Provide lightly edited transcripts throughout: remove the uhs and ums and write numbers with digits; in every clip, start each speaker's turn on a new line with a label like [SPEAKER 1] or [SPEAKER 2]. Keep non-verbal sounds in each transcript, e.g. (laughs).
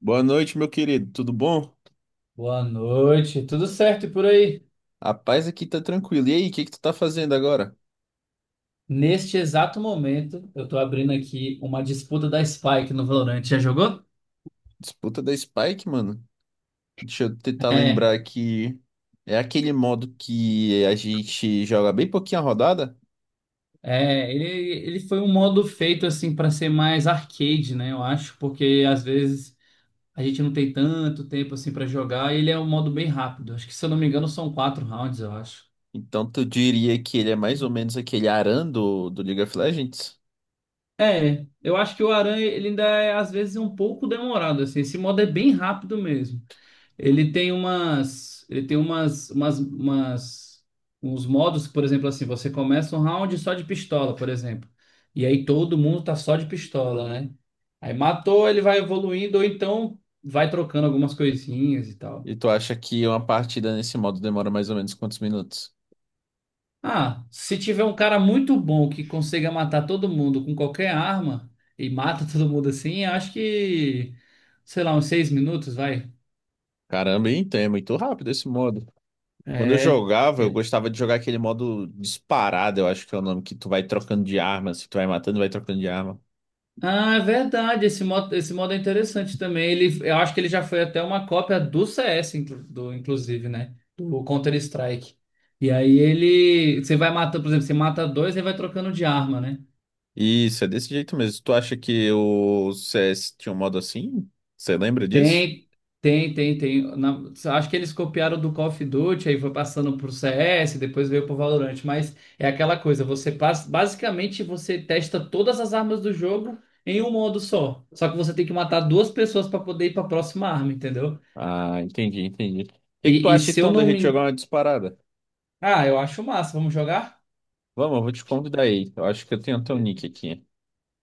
[SPEAKER 1] Boa noite, meu querido. Tudo bom?
[SPEAKER 2] Boa noite, tudo certo e por aí?
[SPEAKER 1] A paz aqui tá tranquilo. E aí, o que que tu tá fazendo agora?
[SPEAKER 2] Neste exato momento, eu tô abrindo aqui uma disputa da Spike no Valorant. Já jogou?
[SPEAKER 1] Disputa da Spike, mano? Deixa eu tentar
[SPEAKER 2] É,
[SPEAKER 1] lembrar que é aquele modo que a gente joga bem pouquinho a rodada.
[SPEAKER 2] é, ele, ele foi um modo feito assim para ser mais arcade, né? Eu acho, porque às vezes a gente não tem tanto tempo assim para jogar e ele é um modo bem rápido. Acho que se eu não me engano são quatro rounds, eu acho.
[SPEAKER 1] Então tu diria que ele é mais ou menos aquele Aran do League of Legends?
[SPEAKER 2] É, eu acho que o Aranha ele ainda é às vezes um pouco demorado assim. Esse modo é bem rápido mesmo. Ele tem umas, umas, umas, uns modos, por exemplo, assim, você começa um round só de pistola, por exemplo. E aí todo mundo tá só de pistola, né? Aí matou, ele vai evoluindo, ou então vai trocando algumas coisinhas e tal.
[SPEAKER 1] E tu acha que uma partida nesse modo demora mais ou menos quantos minutos?
[SPEAKER 2] Ah, se tiver um cara muito bom que consiga matar todo mundo com qualquer arma e mata (laughs) todo mundo assim, acho que, sei lá, uns seis minutos, vai.
[SPEAKER 1] Caramba, hein? Então é muito rápido esse modo. Quando eu jogava, eu
[SPEAKER 2] É.
[SPEAKER 1] gostava de jogar aquele modo disparado, eu acho que é o nome, que tu vai trocando de arma, se tu vai matando, vai trocando de arma.
[SPEAKER 2] Ah, é verdade. Esse modo é interessante também. Ele, eu acho que ele já foi até uma cópia do CS, inclusive, né? Do Counter-Strike. E aí ele. Você vai matando, por exemplo, você mata dois e vai trocando de arma, né?
[SPEAKER 1] Isso, é desse jeito mesmo. Tu acha que o CS tinha um modo assim? Você lembra disso?
[SPEAKER 2] Tem, tem, tem, tem. Na- Acho que eles copiaram do Call of Duty, aí foi passando pro CS, depois veio pro Valorant. Mas é aquela coisa, você passa. Basicamente, você testa todas as armas do jogo em um modo só. Só que você tem que matar duas pessoas para poder ir para a próxima arma, entendeu?
[SPEAKER 1] Ah, entendi, entendi. O que que tu
[SPEAKER 2] E
[SPEAKER 1] acha
[SPEAKER 2] se eu
[SPEAKER 1] então da
[SPEAKER 2] não
[SPEAKER 1] gente jogar
[SPEAKER 2] me.
[SPEAKER 1] uma disparada?
[SPEAKER 2] Ah, eu acho massa, vamos jogar?
[SPEAKER 1] Vamos, eu vou te convidar aí. Eu acho que eu tenho até o
[SPEAKER 2] Be-
[SPEAKER 1] nick aqui.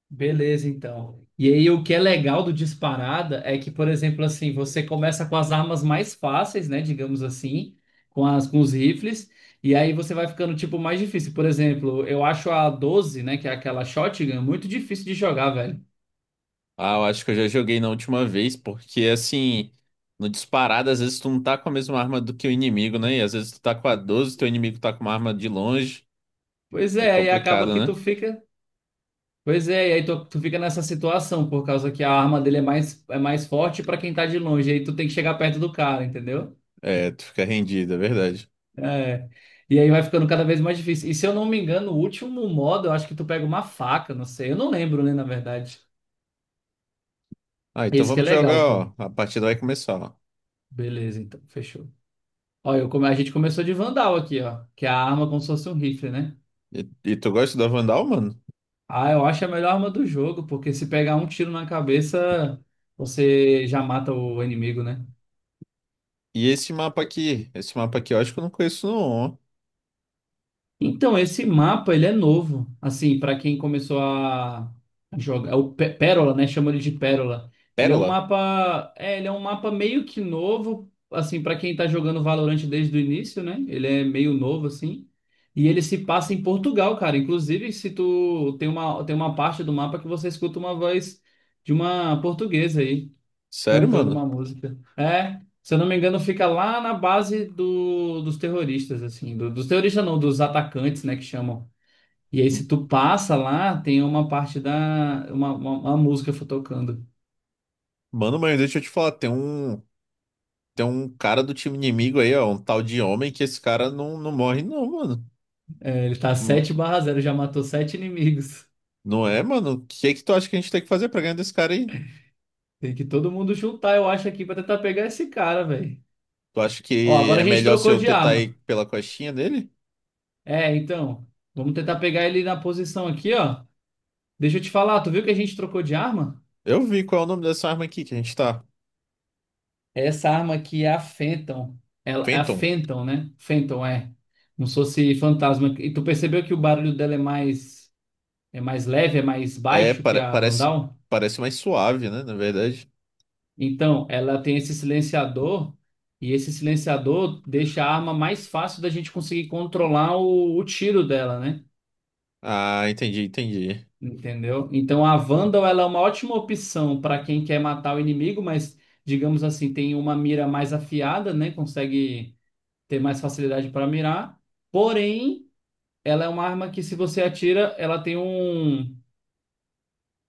[SPEAKER 2] Beleza, então. E aí, o que é legal do disparada é que, por exemplo, assim, você começa com as armas mais fáceis, né? Digamos assim, com os rifles, e aí você vai ficando, tipo, mais difícil. Por exemplo, eu acho a 12 né? Que é aquela shotgun, muito difícil de jogar, velho.
[SPEAKER 1] Ah, eu acho que eu já joguei na última vez, porque assim, no disparado, às vezes tu não tá com a mesma arma do que o inimigo, né? E às vezes tu tá com a 12, teu inimigo tá com uma arma de longe.
[SPEAKER 2] Pois
[SPEAKER 1] É
[SPEAKER 2] é, aí acaba
[SPEAKER 1] complicado.
[SPEAKER 2] que tu fica. Pois é, e aí tu fica nessa situação, por causa que a arma dele é mais forte pra quem tá de longe, aí tu tem que chegar perto do cara, entendeu?
[SPEAKER 1] É, tu fica rendido, é verdade.
[SPEAKER 2] É. E aí vai ficando cada vez mais difícil. E se eu não me engano, o último modo, eu acho que tu pega uma faca, não sei. Eu não lembro, né, na verdade.
[SPEAKER 1] Ah, então
[SPEAKER 2] Esse que é
[SPEAKER 1] vamos jogar,
[SPEAKER 2] legal, pô.
[SPEAKER 1] ó. A partida vai começar, ó.
[SPEAKER 2] Beleza, então, fechou. Ó, a gente começou de Vandal aqui, ó. Que é a arma como se fosse um rifle, né?
[SPEAKER 1] E, e tu gosta da Vandal, mano?
[SPEAKER 2] Ah, eu acho a melhor arma do jogo, porque se pegar um tiro na cabeça, você já mata o inimigo, né?
[SPEAKER 1] E esse mapa aqui? Esse mapa aqui eu acho que eu não conheço, não, ó.
[SPEAKER 2] Então, esse mapa, ele é novo, assim, para quem começou a jogar, é o Pérola, né, chama ele de Pérola. Ele é um
[SPEAKER 1] Pérola.
[SPEAKER 2] mapa, é, ele é um mapa meio que novo, assim, para quem tá jogando Valorant desde o início, né? Ele é meio novo assim. E ele se passa em Portugal, cara. Inclusive, se tu tem uma parte do mapa que você escuta uma voz de uma portuguesa aí
[SPEAKER 1] Sério,
[SPEAKER 2] cantando
[SPEAKER 1] mano?
[SPEAKER 2] uma música. É, se eu não me engano, fica lá na base dos terroristas, assim, dos terroristas não, dos atacantes, né, que chamam. E aí, se tu passa lá, tem uma parte da, uma música tocando.
[SPEAKER 1] Mano, mas deixa eu te falar, tem um cara do time inimigo aí, ó. Um tal de homem que esse cara não morre, não, mano.
[SPEAKER 2] É, ele tá
[SPEAKER 1] Hum.
[SPEAKER 2] sete barra zero, já matou sete inimigos.
[SPEAKER 1] Não é, mano? O que é que tu acha que a gente tem que fazer pra ganhar desse cara aí?
[SPEAKER 2] Tem que todo mundo juntar, eu acho, aqui pra tentar pegar esse cara, velho.
[SPEAKER 1] Tu acha
[SPEAKER 2] Ó,
[SPEAKER 1] que
[SPEAKER 2] agora
[SPEAKER 1] é
[SPEAKER 2] a gente
[SPEAKER 1] melhor se
[SPEAKER 2] trocou
[SPEAKER 1] eu
[SPEAKER 2] de
[SPEAKER 1] tentar
[SPEAKER 2] arma.
[SPEAKER 1] ir pela costinha dele?
[SPEAKER 2] É, então, vamos tentar pegar ele na posição aqui, ó. Deixa eu te falar, tu viu que a gente trocou de arma?
[SPEAKER 1] Eu vi qual é o nome dessa arma aqui que a gente tá.
[SPEAKER 2] Essa arma aqui é a Fenton. É a
[SPEAKER 1] Phantom.
[SPEAKER 2] Fenton, né? Fenton é. Como se fosse fantasma. E tu percebeu que o barulho dela é mais leve, é mais
[SPEAKER 1] É,
[SPEAKER 2] baixo que a
[SPEAKER 1] parece,
[SPEAKER 2] Vandal?
[SPEAKER 1] parece mais suave, né? Na verdade.
[SPEAKER 2] Então, ela tem esse silenciador. E esse silenciador deixa a arma mais fácil da gente conseguir controlar o tiro dela, né?
[SPEAKER 1] Ah, entendi, entendi.
[SPEAKER 2] Entendeu? Então, a Vandal, ela é uma ótima opção para quem quer matar o inimigo, mas, digamos assim, tem uma mira mais afiada, né? Consegue ter mais facilidade para mirar. Porém, ela é uma arma que, se você atira, ela tem um.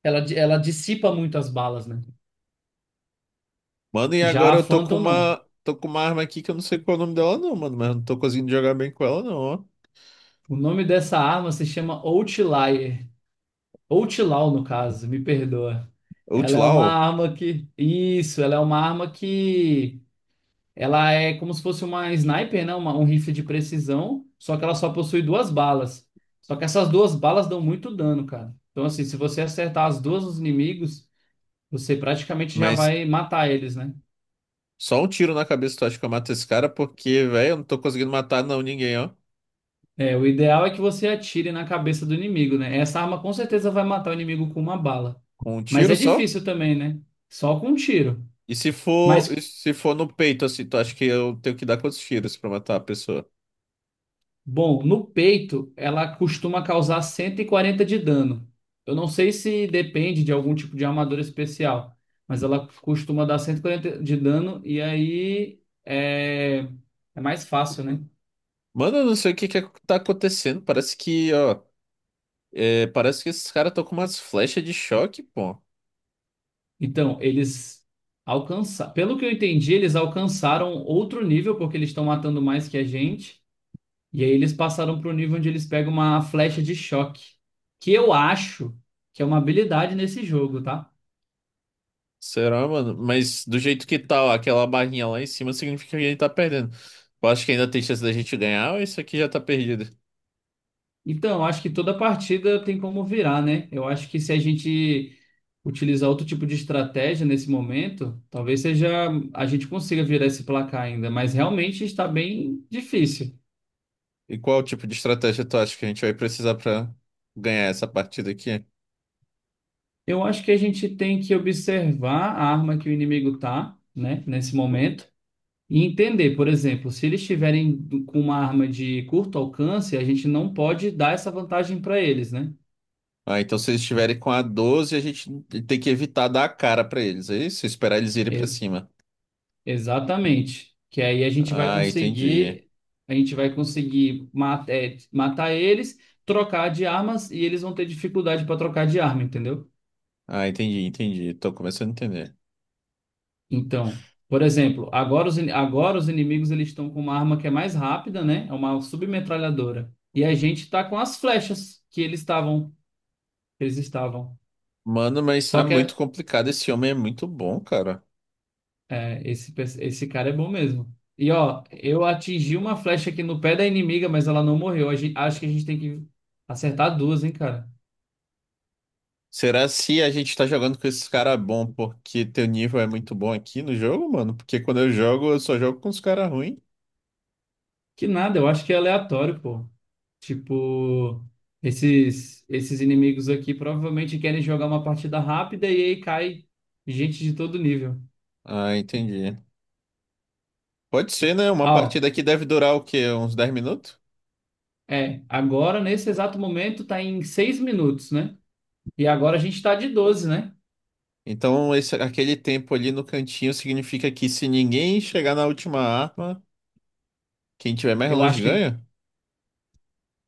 [SPEAKER 2] Ela dissipa muito as balas, né?
[SPEAKER 1] Mano, e
[SPEAKER 2] Já
[SPEAKER 1] agora
[SPEAKER 2] a
[SPEAKER 1] eu
[SPEAKER 2] Phantom não.
[SPEAKER 1] tô com uma arma aqui que eu não sei qual é o nome dela, não, mano. Mas eu não tô conseguindo jogar bem com ela, não, ó.
[SPEAKER 2] O nome dessa arma se chama Outlier. Outlaw, no caso, me perdoa. Ela é uma
[SPEAKER 1] Outlaw,
[SPEAKER 2] arma que. Isso, ela é uma arma que. Ela é como se fosse uma sniper, né? Um rifle de precisão, só que ela só possui duas balas. Só que essas duas balas dão muito dano, cara. Então, assim, se você acertar as duas nos inimigos. Você praticamente já
[SPEAKER 1] mas
[SPEAKER 2] vai matar eles, né?
[SPEAKER 1] só um tiro na cabeça tu acha que eu mato esse cara? Porque, velho, eu não tô conseguindo matar, não, ninguém, ó.
[SPEAKER 2] É, o ideal é que você atire na cabeça do inimigo, né? Essa arma com certeza vai matar o inimigo com uma bala.
[SPEAKER 1] Com um
[SPEAKER 2] Mas
[SPEAKER 1] tiro
[SPEAKER 2] é
[SPEAKER 1] só?
[SPEAKER 2] difícil também, né? Só com um tiro.
[SPEAKER 1] E se for, e
[SPEAKER 2] Mas,
[SPEAKER 1] se for no peito, assim, tu acha que eu tenho que dar quantos tiros pra matar a pessoa?
[SPEAKER 2] bom, no peito, ela costuma causar 140 de dano. Eu não sei se depende de algum tipo de armadura especial, mas ela costuma dar 140 de dano e aí é, é mais fácil, né?
[SPEAKER 1] Mano, eu não sei o que que tá acontecendo. Parece que, ó. É, parece que esses caras estão com umas flechas de choque, pô.
[SPEAKER 2] Então, eles alcançaram. Pelo que eu entendi, eles alcançaram outro nível, porque eles estão matando mais que a gente. E aí eles passaram para o nível onde eles pegam uma flecha de choque. Que eu acho que é uma habilidade nesse jogo, tá?
[SPEAKER 1] Será, mano? Mas do jeito que tá ó, aquela barrinha lá em cima, significa que a gente tá perdendo. Eu acho que ainda tem chance da gente ganhar ou isso aqui já tá perdido?
[SPEAKER 2] Então, eu acho que toda partida tem como virar, né? Eu acho que se a gente utilizar outro tipo de estratégia nesse momento, talvez seja a gente consiga virar esse placar ainda. Mas realmente está bem difícil.
[SPEAKER 1] E qual tipo de estratégia tu acha que a gente vai precisar pra ganhar essa partida aqui?
[SPEAKER 2] Eu acho que a gente tem que observar a arma que o inimigo tá, né, nesse momento, e entender, por exemplo, se eles estiverem com uma arma de curto alcance, a gente não pode dar essa vantagem para eles, né?
[SPEAKER 1] Ah, então se eles estiverem com a 12 a gente tem que evitar dar a cara pra eles, é isso? Esperar eles irem pra
[SPEAKER 2] E-
[SPEAKER 1] cima.
[SPEAKER 2] exatamente. Que aí a gente vai
[SPEAKER 1] Ah, entendi.
[SPEAKER 2] conseguir, a gente vai conseguir é, matar eles, trocar de armas e eles vão ter dificuldade para trocar de arma, entendeu?
[SPEAKER 1] Ah, entendi, entendi. Tô começando a entender.
[SPEAKER 2] Então, por exemplo, agora os inimigos eles estão com uma arma que é mais rápida, né? É uma submetralhadora. E a gente tá com as flechas que eles estavam, que eles estavam.
[SPEAKER 1] Mano, mas
[SPEAKER 2] Só
[SPEAKER 1] tá
[SPEAKER 2] que é,
[SPEAKER 1] muito complicado. Esse homem é muito bom, cara.
[SPEAKER 2] é, esse, pe- esse cara é bom mesmo. E ó, eu atingi uma flecha aqui no pé da inimiga, mas ela não morreu. Acho que a gente tem que acertar duas, hein, cara?
[SPEAKER 1] Será se a gente tá jogando com esses caras bom porque teu nível é muito bom aqui no jogo, mano? Porque quando eu jogo, eu só jogo com os caras ruins.
[SPEAKER 2] Que nada, eu acho que é aleatório, pô. Tipo, esses inimigos aqui provavelmente querem jogar uma partida rápida e aí cai gente de todo nível.
[SPEAKER 1] Ah, entendi. Pode ser, né? Uma
[SPEAKER 2] Ah,
[SPEAKER 1] partida
[SPEAKER 2] ó,
[SPEAKER 1] aqui deve durar o quê? Uns 10 minutos?
[SPEAKER 2] é, agora nesse exato momento tá em 6 minutos, né? E agora a gente tá de 12, né?
[SPEAKER 1] Então, esse, aquele tempo ali no cantinho significa que se ninguém chegar na última arma, quem tiver mais
[SPEAKER 2] Eu
[SPEAKER 1] longe
[SPEAKER 2] acho que
[SPEAKER 1] ganha?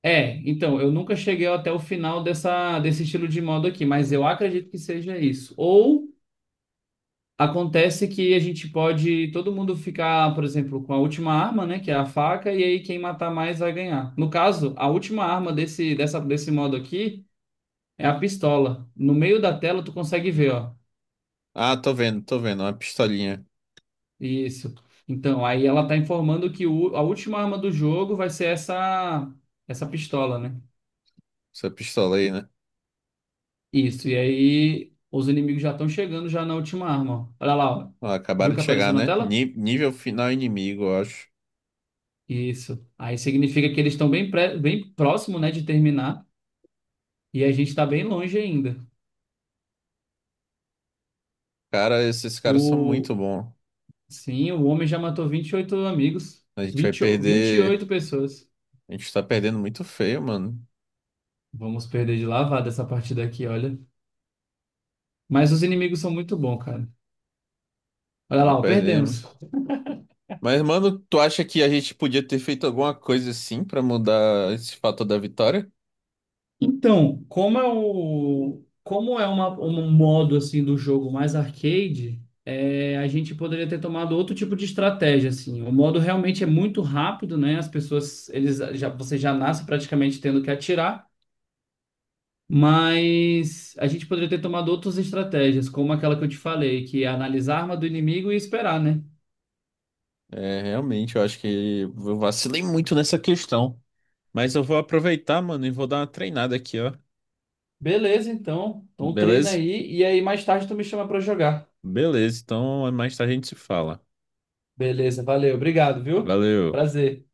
[SPEAKER 2] é, então, eu nunca cheguei até o final dessa desse estilo de modo aqui, mas eu acredito que seja isso. Ou acontece que a gente pode todo mundo ficar, por exemplo, com a última arma, né, que é a faca, e aí quem matar mais vai ganhar. No caso, a última arma desse modo aqui é a pistola. No meio da tela tu consegue ver, ó.
[SPEAKER 1] Ah, tô vendo, tô vendo. Uma pistolinha.
[SPEAKER 2] Isso. Então, aí ela tá informando que a última arma do jogo vai ser essa, essa pistola, né?
[SPEAKER 1] Essa pistola aí, né?
[SPEAKER 2] Isso. E aí os inimigos já estão chegando já na última arma, ó. Olha lá, ó.
[SPEAKER 1] Ó, acabaram
[SPEAKER 2] Viu que
[SPEAKER 1] de chegar,
[SPEAKER 2] apareceu na
[SPEAKER 1] né?
[SPEAKER 2] tela?
[SPEAKER 1] Nível final inimigo, eu acho.
[SPEAKER 2] Isso. Aí significa que eles estão bem, bem próximo, né, de terminar. E a gente está bem longe ainda.
[SPEAKER 1] Cara, esses caras são muito
[SPEAKER 2] O,
[SPEAKER 1] bons.
[SPEAKER 2] sim, o homem já matou 28 amigos,
[SPEAKER 1] A gente vai
[SPEAKER 2] vinte e
[SPEAKER 1] perder.
[SPEAKER 2] oito pessoas.
[SPEAKER 1] A gente tá perdendo muito feio, mano.
[SPEAKER 2] Vamos perder de lavada essa partida aqui, olha. Mas os inimigos são muito bons, cara. Olha
[SPEAKER 1] Tá
[SPEAKER 2] lá, ó, perdemos.
[SPEAKER 1] perdemos. Mas, mano, tu acha que a gente podia ter feito alguma coisa assim pra mudar esse fator da vitória?
[SPEAKER 2] Então, como é uma, um modo assim do jogo mais arcade, é, a gente poderia ter tomado outro tipo de estratégia, assim. O modo realmente é muito rápido, né? As pessoas, eles já, você já nasce praticamente tendo que atirar. Mas a gente poderia ter tomado outras estratégias, como aquela que eu te falei, que é analisar a arma do inimigo e esperar, né?
[SPEAKER 1] É, realmente, eu acho que eu vacilei muito nessa questão. Mas eu vou aproveitar, mano, e vou dar uma treinada aqui, ó.
[SPEAKER 2] Beleza, então. Então treina
[SPEAKER 1] Beleza?
[SPEAKER 2] aí e aí mais tarde tu me chama pra jogar.
[SPEAKER 1] Beleza, então mais tarde a gente se fala.
[SPEAKER 2] Beleza, valeu, obrigado, viu?
[SPEAKER 1] Valeu.
[SPEAKER 2] Prazer.